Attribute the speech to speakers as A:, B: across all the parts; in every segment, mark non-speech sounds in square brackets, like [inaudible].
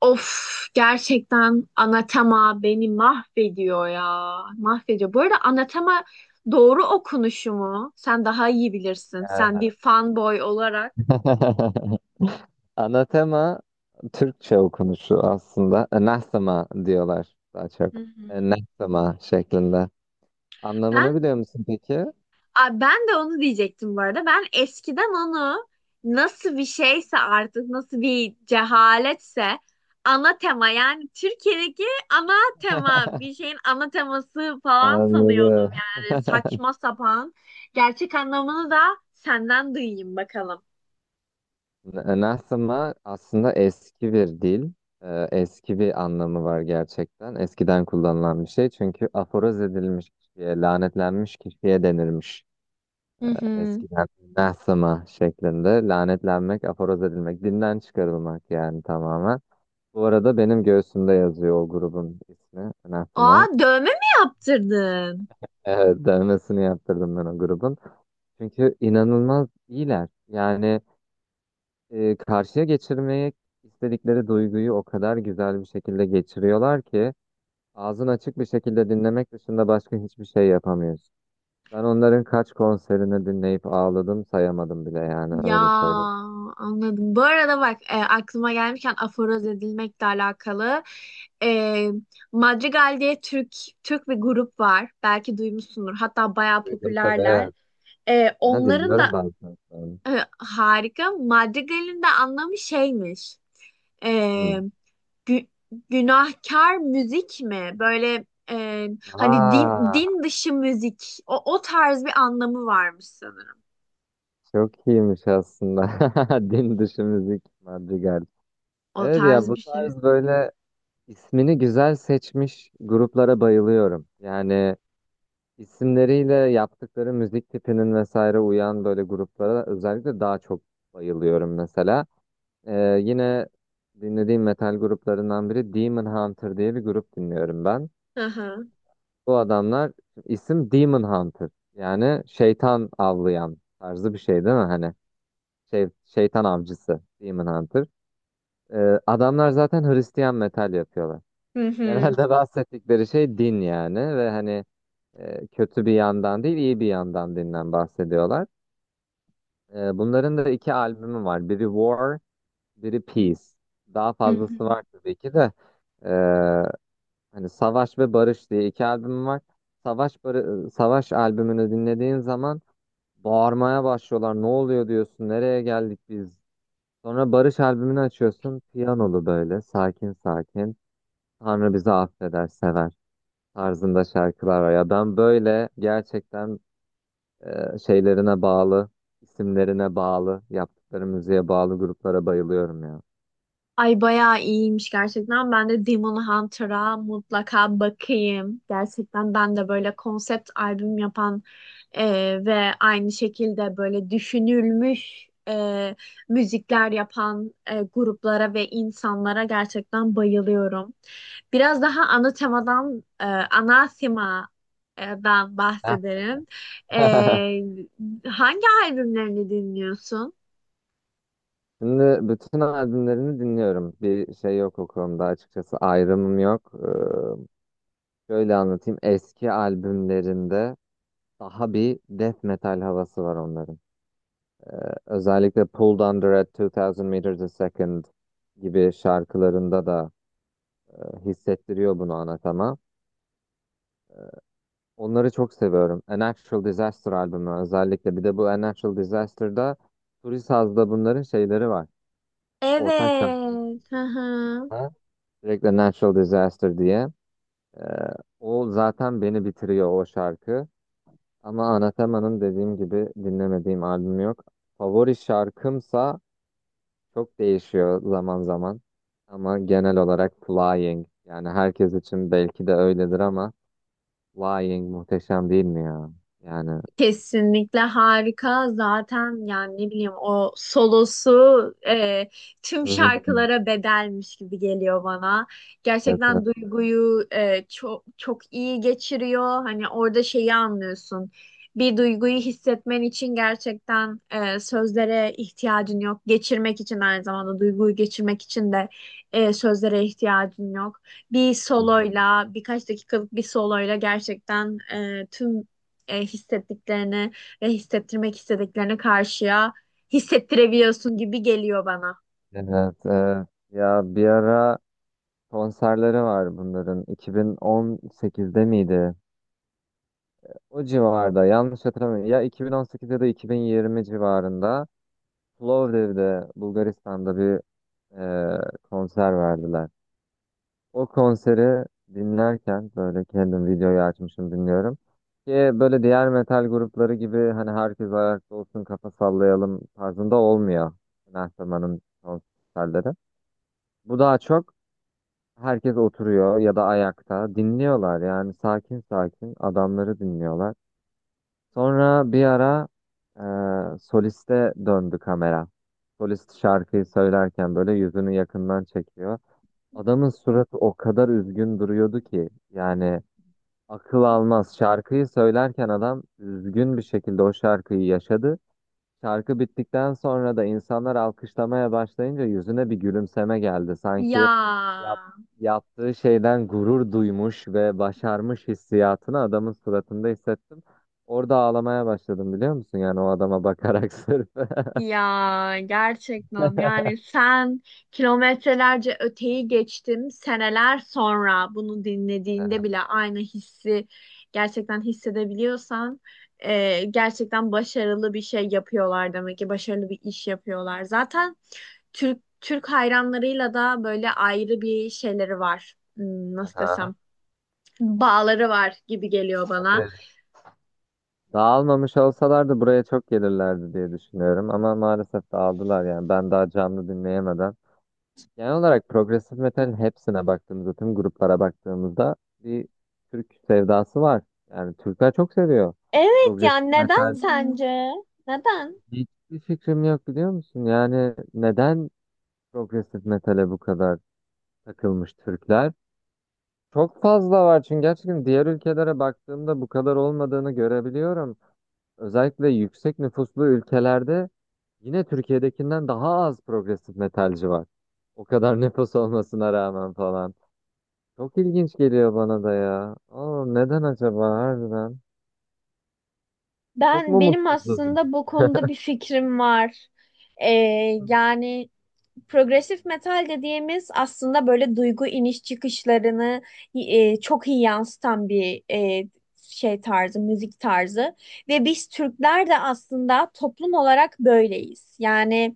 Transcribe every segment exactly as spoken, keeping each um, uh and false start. A: Of, gerçekten Anatema beni mahvediyor ya. Mahvediyor. Bu arada Anatema doğru okunuşu mu? Sen daha iyi bilirsin. Sen bir fanboy olarak.
B: [laughs] Anatema Türkçe okunuşu aslında. Anathema diyorlar daha çok.
A: Hı hı.
B: Anathema şeklinde. Anlamını
A: Ben
B: biliyor musun peki?
A: Aa, ben de onu diyecektim bu arada. Ben eskiden onu nasıl bir şeyse artık nasıl bir cehaletse ana tema, yani Türkiye'deki ana tema, bir şeyin ana teması falan sanıyordum,
B: Anladım.
A: yani
B: [laughs]
A: saçma sapan. Gerçek anlamını da senden duyayım bakalım.
B: Anathema aslında eski bir dil. Ee, Eski bir anlamı var gerçekten. Eskiden kullanılan bir şey. Çünkü aforoz edilmiş kişiye, lanetlenmiş kişiye denirmiş.
A: Hı hı.
B: Eskiden anathema şeklinde. Lanetlenmek, aforoz edilmek, dinden çıkarılmak yani tamamen. Bu arada benim göğsümde yazıyor o grubun ismi,
A: Aa,
B: anathema.
A: dövme mi yaptırdın?
B: Evet, dövmesini yaptırdım ben o grubun. Çünkü inanılmaz iyiler. Yani e, karşıya geçirmeyi istedikleri duyguyu o kadar güzel bir şekilde geçiriyorlar ki ağzın açık bir şekilde dinlemek dışında başka hiçbir şey yapamıyorsun. Ben onların kaç konserini dinleyip ağladım sayamadım bile yani
A: Ya
B: öyle söyleyeyim.
A: anladım. Bu arada bak, e, aklıma gelmişken aforoz edilmekle alakalı e, Madrigal diye Türk Türk bir grup var. Belki duymuşsundur. Hatta bayağı
B: Duydum
A: popülerler.
B: tabii.
A: E,
B: Aha,
A: onların
B: dinliyorum
A: da
B: bazen.
A: e, harika. Madrigal'in de anlamı şeymiş. E,
B: Hı.
A: gü- günahkar müzik mi? Böyle e, hani din
B: Aa,
A: din dışı müzik. O, o tarz bir anlamı varmış sanırım.
B: Çok iyiymiş aslında. [laughs] Din dışı müzik Madrigal.
A: O
B: Evet ya
A: tarz
B: bu
A: bir şey.
B: tarz böyle ismini güzel seçmiş gruplara bayılıyorum. Yani isimleriyle yaptıkları müzik tipinin vesaire uyan böyle gruplara özellikle daha çok bayılıyorum mesela. Ee, yine dinlediğim metal gruplarından biri Demon Hunter diye bir grup dinliyorum ben.
A: Hı hı.
B: Bu adamlar isim Demon Hunter yani şeytan avlayan tarzı bir şey değil mi? Hani şey, şeytan avcısı Demon Hunter. Ee, adamlar zaten Hristiyan metal yapıyorlar.
A: Hı hı.
B: Genelde [laughs] bahsettikleri şey din yani ve hani e, kötü bir yandan değil iyi bir yandan dinden bahsediyorlar. Ee, bunların da iki albümü var. Biri War, biri Peace. Daha
A: Hı
B: fazlası
A: hı.
B: var tabii ki de. Ee, Hani Savaş ve Barış diye iki albüm var. Savaş barı- Savaş albümünü dinlediğin zaman bağırmaya başlıyorlar. Ne oluyor diyorsun? Nereye geldik biz? Sonra Barış albümünü açıyorsun. Piyanolu böyle sakin sakin. Tanrı bizi affeder, sever tarzında şarkılar var. Ya ben böyle gerçekten e, şeylerine bağlı, isimlerine bağlı, yaptıkları müziğe bağlı gruplara bayılıyorum ya.
A: Ay, bayağı iyiymiş gerçekten. Ben de Demon Hunter'a mutlaka bakayım. Gerçekten ben de böyle konsept albüm yapan e, ve aynı şekilde böyle düşünülmüş e, müzikler yapan e, gruplara ve insanlara gerçekten bayılıyorum. Biraz daha ana temadan, e, ana temadan
B: Heh, tamam.
A: bahsedelim. E, hangi albümlerini dinliyorsun?
B: [laughs] Şimdi bütün albümlerini dinliyorum. Bir şey yok o konuda açıkçası ayrımım yok. Ee, şöyle anlatayım. Eski albümlerinde daha bir death metal havası var onların. Özellikle Pulled Under at two thousand Meters a Second gibi şarkılarında da e, hissettiriyor bunu ana Onları çok seviyorum. A Natural Disaster albümü özellikle. Bir de bu A Natural Disaster'da Turi Saz'da bunların şeyleri var. Ortak şarkıları.
A: Evet. Hı hı.
B: Direkt A Natural Disaster diye. E, O zaten beni bitiriyor o şarkı. Ama Anathema'nın dediğim gibi dinlemediğim albüm yok. Favori şarkımsa çok değişiyor zaman zaman ama genel olarak flying yani herkes için belki de öyledir ama flying muhteşem değil mi ya? Yani
A: Kesinlikle harika. Zaten yani ne bileyim o solosu e, tüm
B: Hı-hı.
A: şarkılara bedelmiş gibi geliyor bana.
B: Evet,
A: Gerçekten
B: evet.
A: duyguyu e, çok çok iyi geçiriyor. Hani orada şeyi anlıyorsun. Bir duyguyu hissetmen için gerçekten e, sözlere ihtiyacın yok. Geçirmek için, aynı zamanda duyguyu geçirmek için de e, sözlere ihtiyacın yok. Bir
B: Hı-hı.
A: soloyla, birkaç dakikalık bir soloyla gerçekten e, tüm e, hissettiklerine ve hissettirmek istediklerine karşıya hissettirebiliyorsun gibi geliyor bana.
B: Evet, evet. Ya bir ara konserleri var bunların iki bin on sekizde miydi? O civarda yanlış hatırlamıyorum, ya iki bin on sekiz ya da iki bin yirmi civarında Plovdiv'de, Bulgaristan'da bir e, konser verdiler. O konseri dinlerken böyle kendim videoyu açmışım dinliyorum. Ki böyle diğer metal grupları gibi hani herkes ayakta olsun kafa sallayalım tarzında olmuyor. Mehtapa'nın konserleri. Bu daha çok herkes oturuyor ya da ayakta dinliyorlar yani sakin sakin adamları dinliyorlar. Sonra bir ara e, soliste döndü kamera. Solist şarkıyı söylerken böyle yüzünü yakından çekiyor. Adamın suratı o kadar üzgün duruyordu ki yani akıl almaz. Şarkıyı söylerken adam üzgün bir şekilde o şarkıyı yaşadı. Şarkı bittikten sonra da insanlar alkışlamaya başlayınca yüzüne bir gülümseme geldi.
A: Ya.
B: Sanki yap- yaptığı şeyden gurur duymuş ve başarmış hissiyatını adamın suratında hissettim. Orada ağlamaya başladım biliyor musun? Yani o adama bakarak sırf. [laughs]
A: Ya gerçekten yani sen kilometrelerce öteyi geçtim, seneler sonra bunu dinlediğinde bile aynı hissi gerçekten hissedebiliyorsan e, gerçekten başarılı bir şey yapıyorlar demek ki, başarılı bir iş yapıyorlar. Zaten Türk Türk hayranlarıyla da böyle ayrı bir şeyleri var. Hmm, Nasıl
B: Aha,
A: desem, bağları var gibi geliyor bana.
B: evet. Dağılmamış olsalardı buraya çok gelirlerdi diye düşünüyorum ama maalesef dağıldılar yani ben daha canlı dinleyemeden. Genel olarak progresif metalin hepsine baktığımızda, tüm gruplara baktığımızda bir Türk sevdası var. Yani Türkler çok seviyor progresif
A: Neden
B: metal.
A: sence?
B: Hiçbir fikrim yok biliyor musun? Yani neden progresif metale bu kadar takılmış Türkler? Çok fazla var çünkü, gerçekten diğer ülkelere baktığımda bu kadar olmadığını görebiliyorum. Özellikle yüksek nüfuslu ülkelerde yine Türkiye'dekinden daha az progresif metalci var. O kadar [laughs] nüfus olmasına rağmen falan. Çok ilginç geliyor bana da ya. Aa, neden acaba harbiden? Çok
A: Ben
B: mu
A: benim
B: mutsuzuz?
A: aslında bu konuda bir fikrim var. Ee,
B: [laughs]
A: yani. Progresif metal dediğimiz aslında böyle duygu iniş çıkışlarını e, çok iyi yansıtan bir e, şey tarzı, müzik tarzı. Ve biz Türkler de aslında toplum olarak böyleyiz. Yani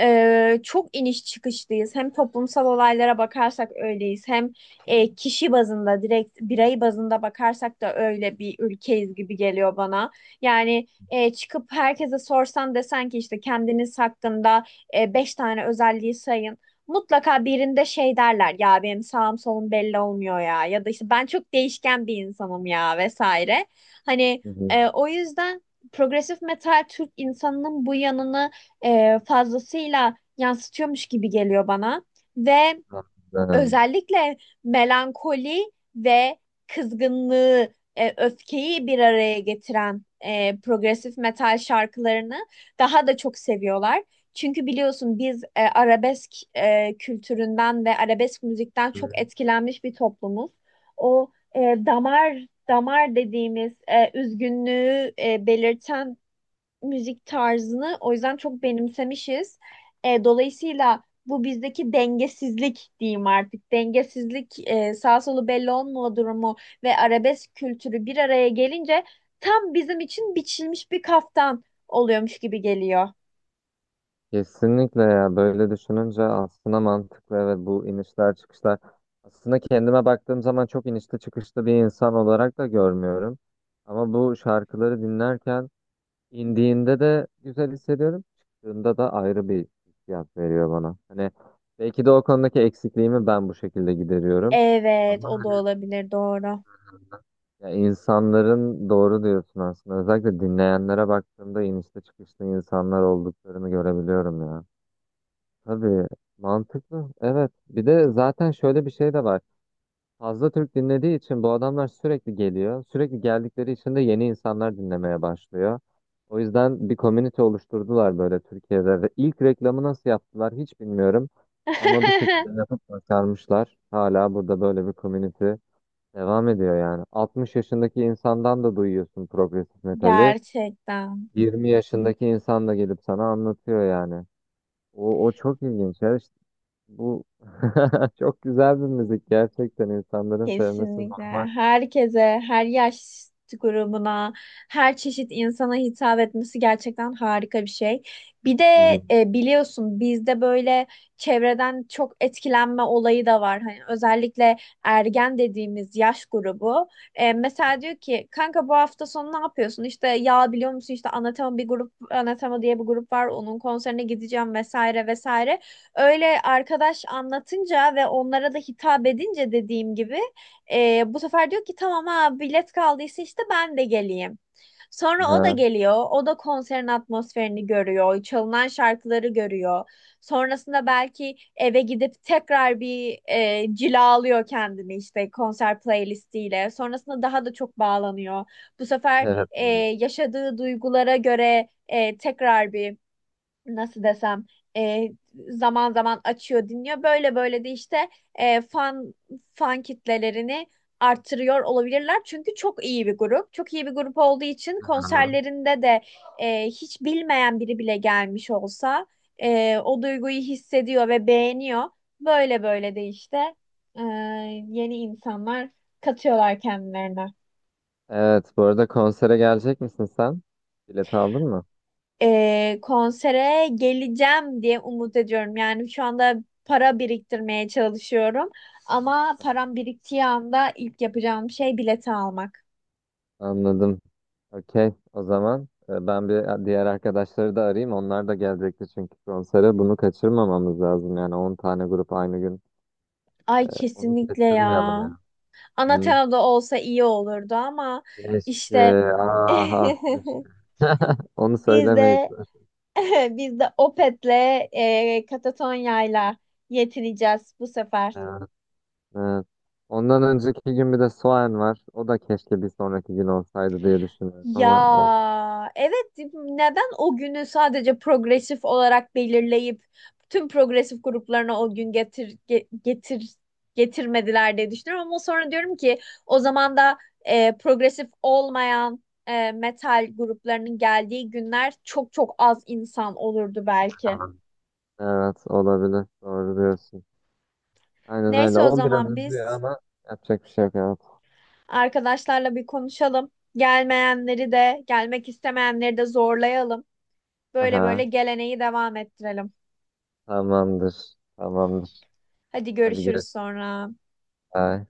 A: e, çok iniş çıkışlıyız. Hem toplumsal olaylara bakarsak öyleyiz. Hem e, kişi bazında, direkt birey bazında bakarsak da öyle bir ülkeyiz gibi geliyor bana. Yani e, çıkıp herkese sorsan, desen ki işte kendiniz hakkında e, beş tane özelliği sayın. Mutlaka birinde şey derler ya, benim sağım solum belli olmuyor ya, ya da işte ben çok değişken bir insanım ya vesaire. Hani
B: Hı hı.
A: e, o yüzden progresif metal Türk insanının bu yanını e, fazlasıyla yansıtıyormuş gibi geliyor bana ve
B: Anladım.
A: özellikle melankoli ve kızgınlığı, e, öfkeyi bir araya getiren e, progresif metal şarkılarını daha da çok seviyorlar. Çünkü biliyorsun biz e, arabesk e, kültüründen ve arabesk müzikten
B: Hı.
A: çok etkilenmiş bir toplumuz. O e, damar, damar dediğimiz e, üzgünlüğü e, belirten müzik tarzını o yüzden çok benimsemişiz. E, dolayısıyla bu bizdeki dengesizlik diyeyim artık. Dengesizlik, e, sağ solu belli olma durumu ve arabesk kültürü bir araya gelince tam bizim için biçilmiş bir kaftan oluyormuş gibi geliyor.
B: Kesinlikle ya, böyle düşününce aslında mantıklı, evet. Bu inişler çıkışlar, aslında kendime baktığım zaman çok inişli çıkışlı bir insan olarak da görmüyorum ama bu şarkıları dinlerken İndiğinde de güzel hissediyorum. Çıktığında da ayrı bir hissiyat veriyor bana. Hani belki de o konudaki eksikliğimi ben bu şekilde gideriyorum.
A: Evet,
B: Ama
A: o da
B: hani
A: olabilir, doğru.
B: ya, insanların, doğru diyorsun aslında. Özellikle dinleyenlere baktığımda inişte çıkışlı insanlar olduklarını görebiliyorum ya. Tabii mantıklı. Evet. Bir de zaten şöyle bir şey de var. Fazla Türk dinlediği için bu adamlar sürekli geliyor. Sürekli geldikleri için de yeni insanlar dinlemeye başlıyor. O yüzden bir komünite oluşturdular böyle Türkiye'de ve ilk reklamı nasıl yaptılar hiç bilmiyorum. Ama bir şekilde
A: [laughs]
B: yapıp başarmışlar. Hala burada böyle bir komünite devam ediyor yani. altmış yaşındaki insandan da duyuyorsun progresif metali.
A: Gerçekten.
B: yirmi yaşındaki insan da gelip sana anlatıyor yani. O, o çok ilginç ya. İşte bu [laughs] çok güzel bir müzik, gerçekten insanların sevmesi
A: Kesinlikle.
B: normal.
A: Herkese, her yaş grubuna, her çeşit insana hitap etmesi gerçekten harika bir şey. Bir de
B: Hı hı.
A: e, biliyorsun bizde böyle çevreden çok etkilenme olayı da var. Hani özellikle ergen dediğimiz yaş grubu. E, mesela diyor ki, kanka bu hafta sonu ne yapıyorsun? İşte ya biliyor musun, işte Anatema bir grup, Anatema diye bir grup var. Onun konserine gideceğim vesaire vesaire. Öyle arkadaş anlatınca ve onlara da hitap edince, dediğim gibi, ee, bu sefer diyor ki, tamam ha, bilet kaldıysa işte ben de geleyim. Sonra o da
B: Aha,
A: geliyor. O da konserin atmosferini görüyor. Çalınan şarkıları görüyor. Sonrasında belki eve gidip tekrar bir e, cilalıyor kendini işte konser playlistiyle. Sonrasında daha da çok bağlanıyor. Bu sefer
B: evet.
A: e,
B: Evet.
A: yaşadığı duygulara göre e, tekrar bir, nasıl desem, e, zaman zaman açıyor dinliyor. Böyle böyle de işte e, fan fan kitlelerini artırıyor olabilirler. Çünkü çok iyi bir grup. Çok iyi bir grup olduğu için
B: Aha.
A: konserlerinde de e, hiç bilmeyen biri bile gelmiş olsa e, o duyguyu hissediyor ve beğeniyor. Böyle böyle de işte e, yeni insanlar katıyorlar kendilerine.
B: Evet, bu arada konsere gelecek misin sen? Bilet aldın mı?
A: E, konsere geleceğim diye umut ediyorum. Yani şu anda para biriktirmeye çalışıyorum. Ama param biriktiği anda ilk yapacağım şey bileti almak.
B: Anladım. Okey. O zaman e, ben bir diğer arkadaşları da arayayım. Onlar da gelecekti çünkü konsere. Bunu kaçırmamamız lazım. Yani on tane grup aynı gün.
A: Ay,
B: Onu
A: kesinlikle ya.
B: kaçırmayalım ya. Hı.
A: Anatena'da olsa iyi olurdu ama işte
B: Keşke. Aha. Keşke.
A: [laughs]
B: Onu
A: biz
B: söylemeyiz.
A: de [laughs] biz de Opet'le e, Katatonya'yla yetineceğiz bu sefer.
B: Evet, evet. Ondan önceki gün bir de Soğan var. O da keşke bir sonraki gün olsaydı diye düşünüyorum
A: Ya,
B: ama olmadı.
A: evet, neden o günü sadece progresif olarak belirleyip tüm progresif gruplarına o gün getir ge- getir getirmediler diye düşünüyorum, ama sonra diyorum ki o zaman da e, progresif olmayan e, metal gruplarının geldiği günler çok çok az insan olurdu belki.
B: Evet olabilir. Doğru diyorsun. Aynen öyle.
A: Neyse, o
B: O biraz
A: zaman
B: üzüyor
A: biz
B: ama yapacak bir şey yok. Evet.
A: arkadaşlarla bir konuşalım. Gelmeyenleri de gelmek istemeyenleri de zorlayalım. Böyle böyle
B: Aha,
A: geleneği devam ettirelim.
B: tamamdır. Tamamdır.
A: Hadi
B: Hadi
A: görüşürüz
B: görüşürüz.
A: sonra.
B: Bye.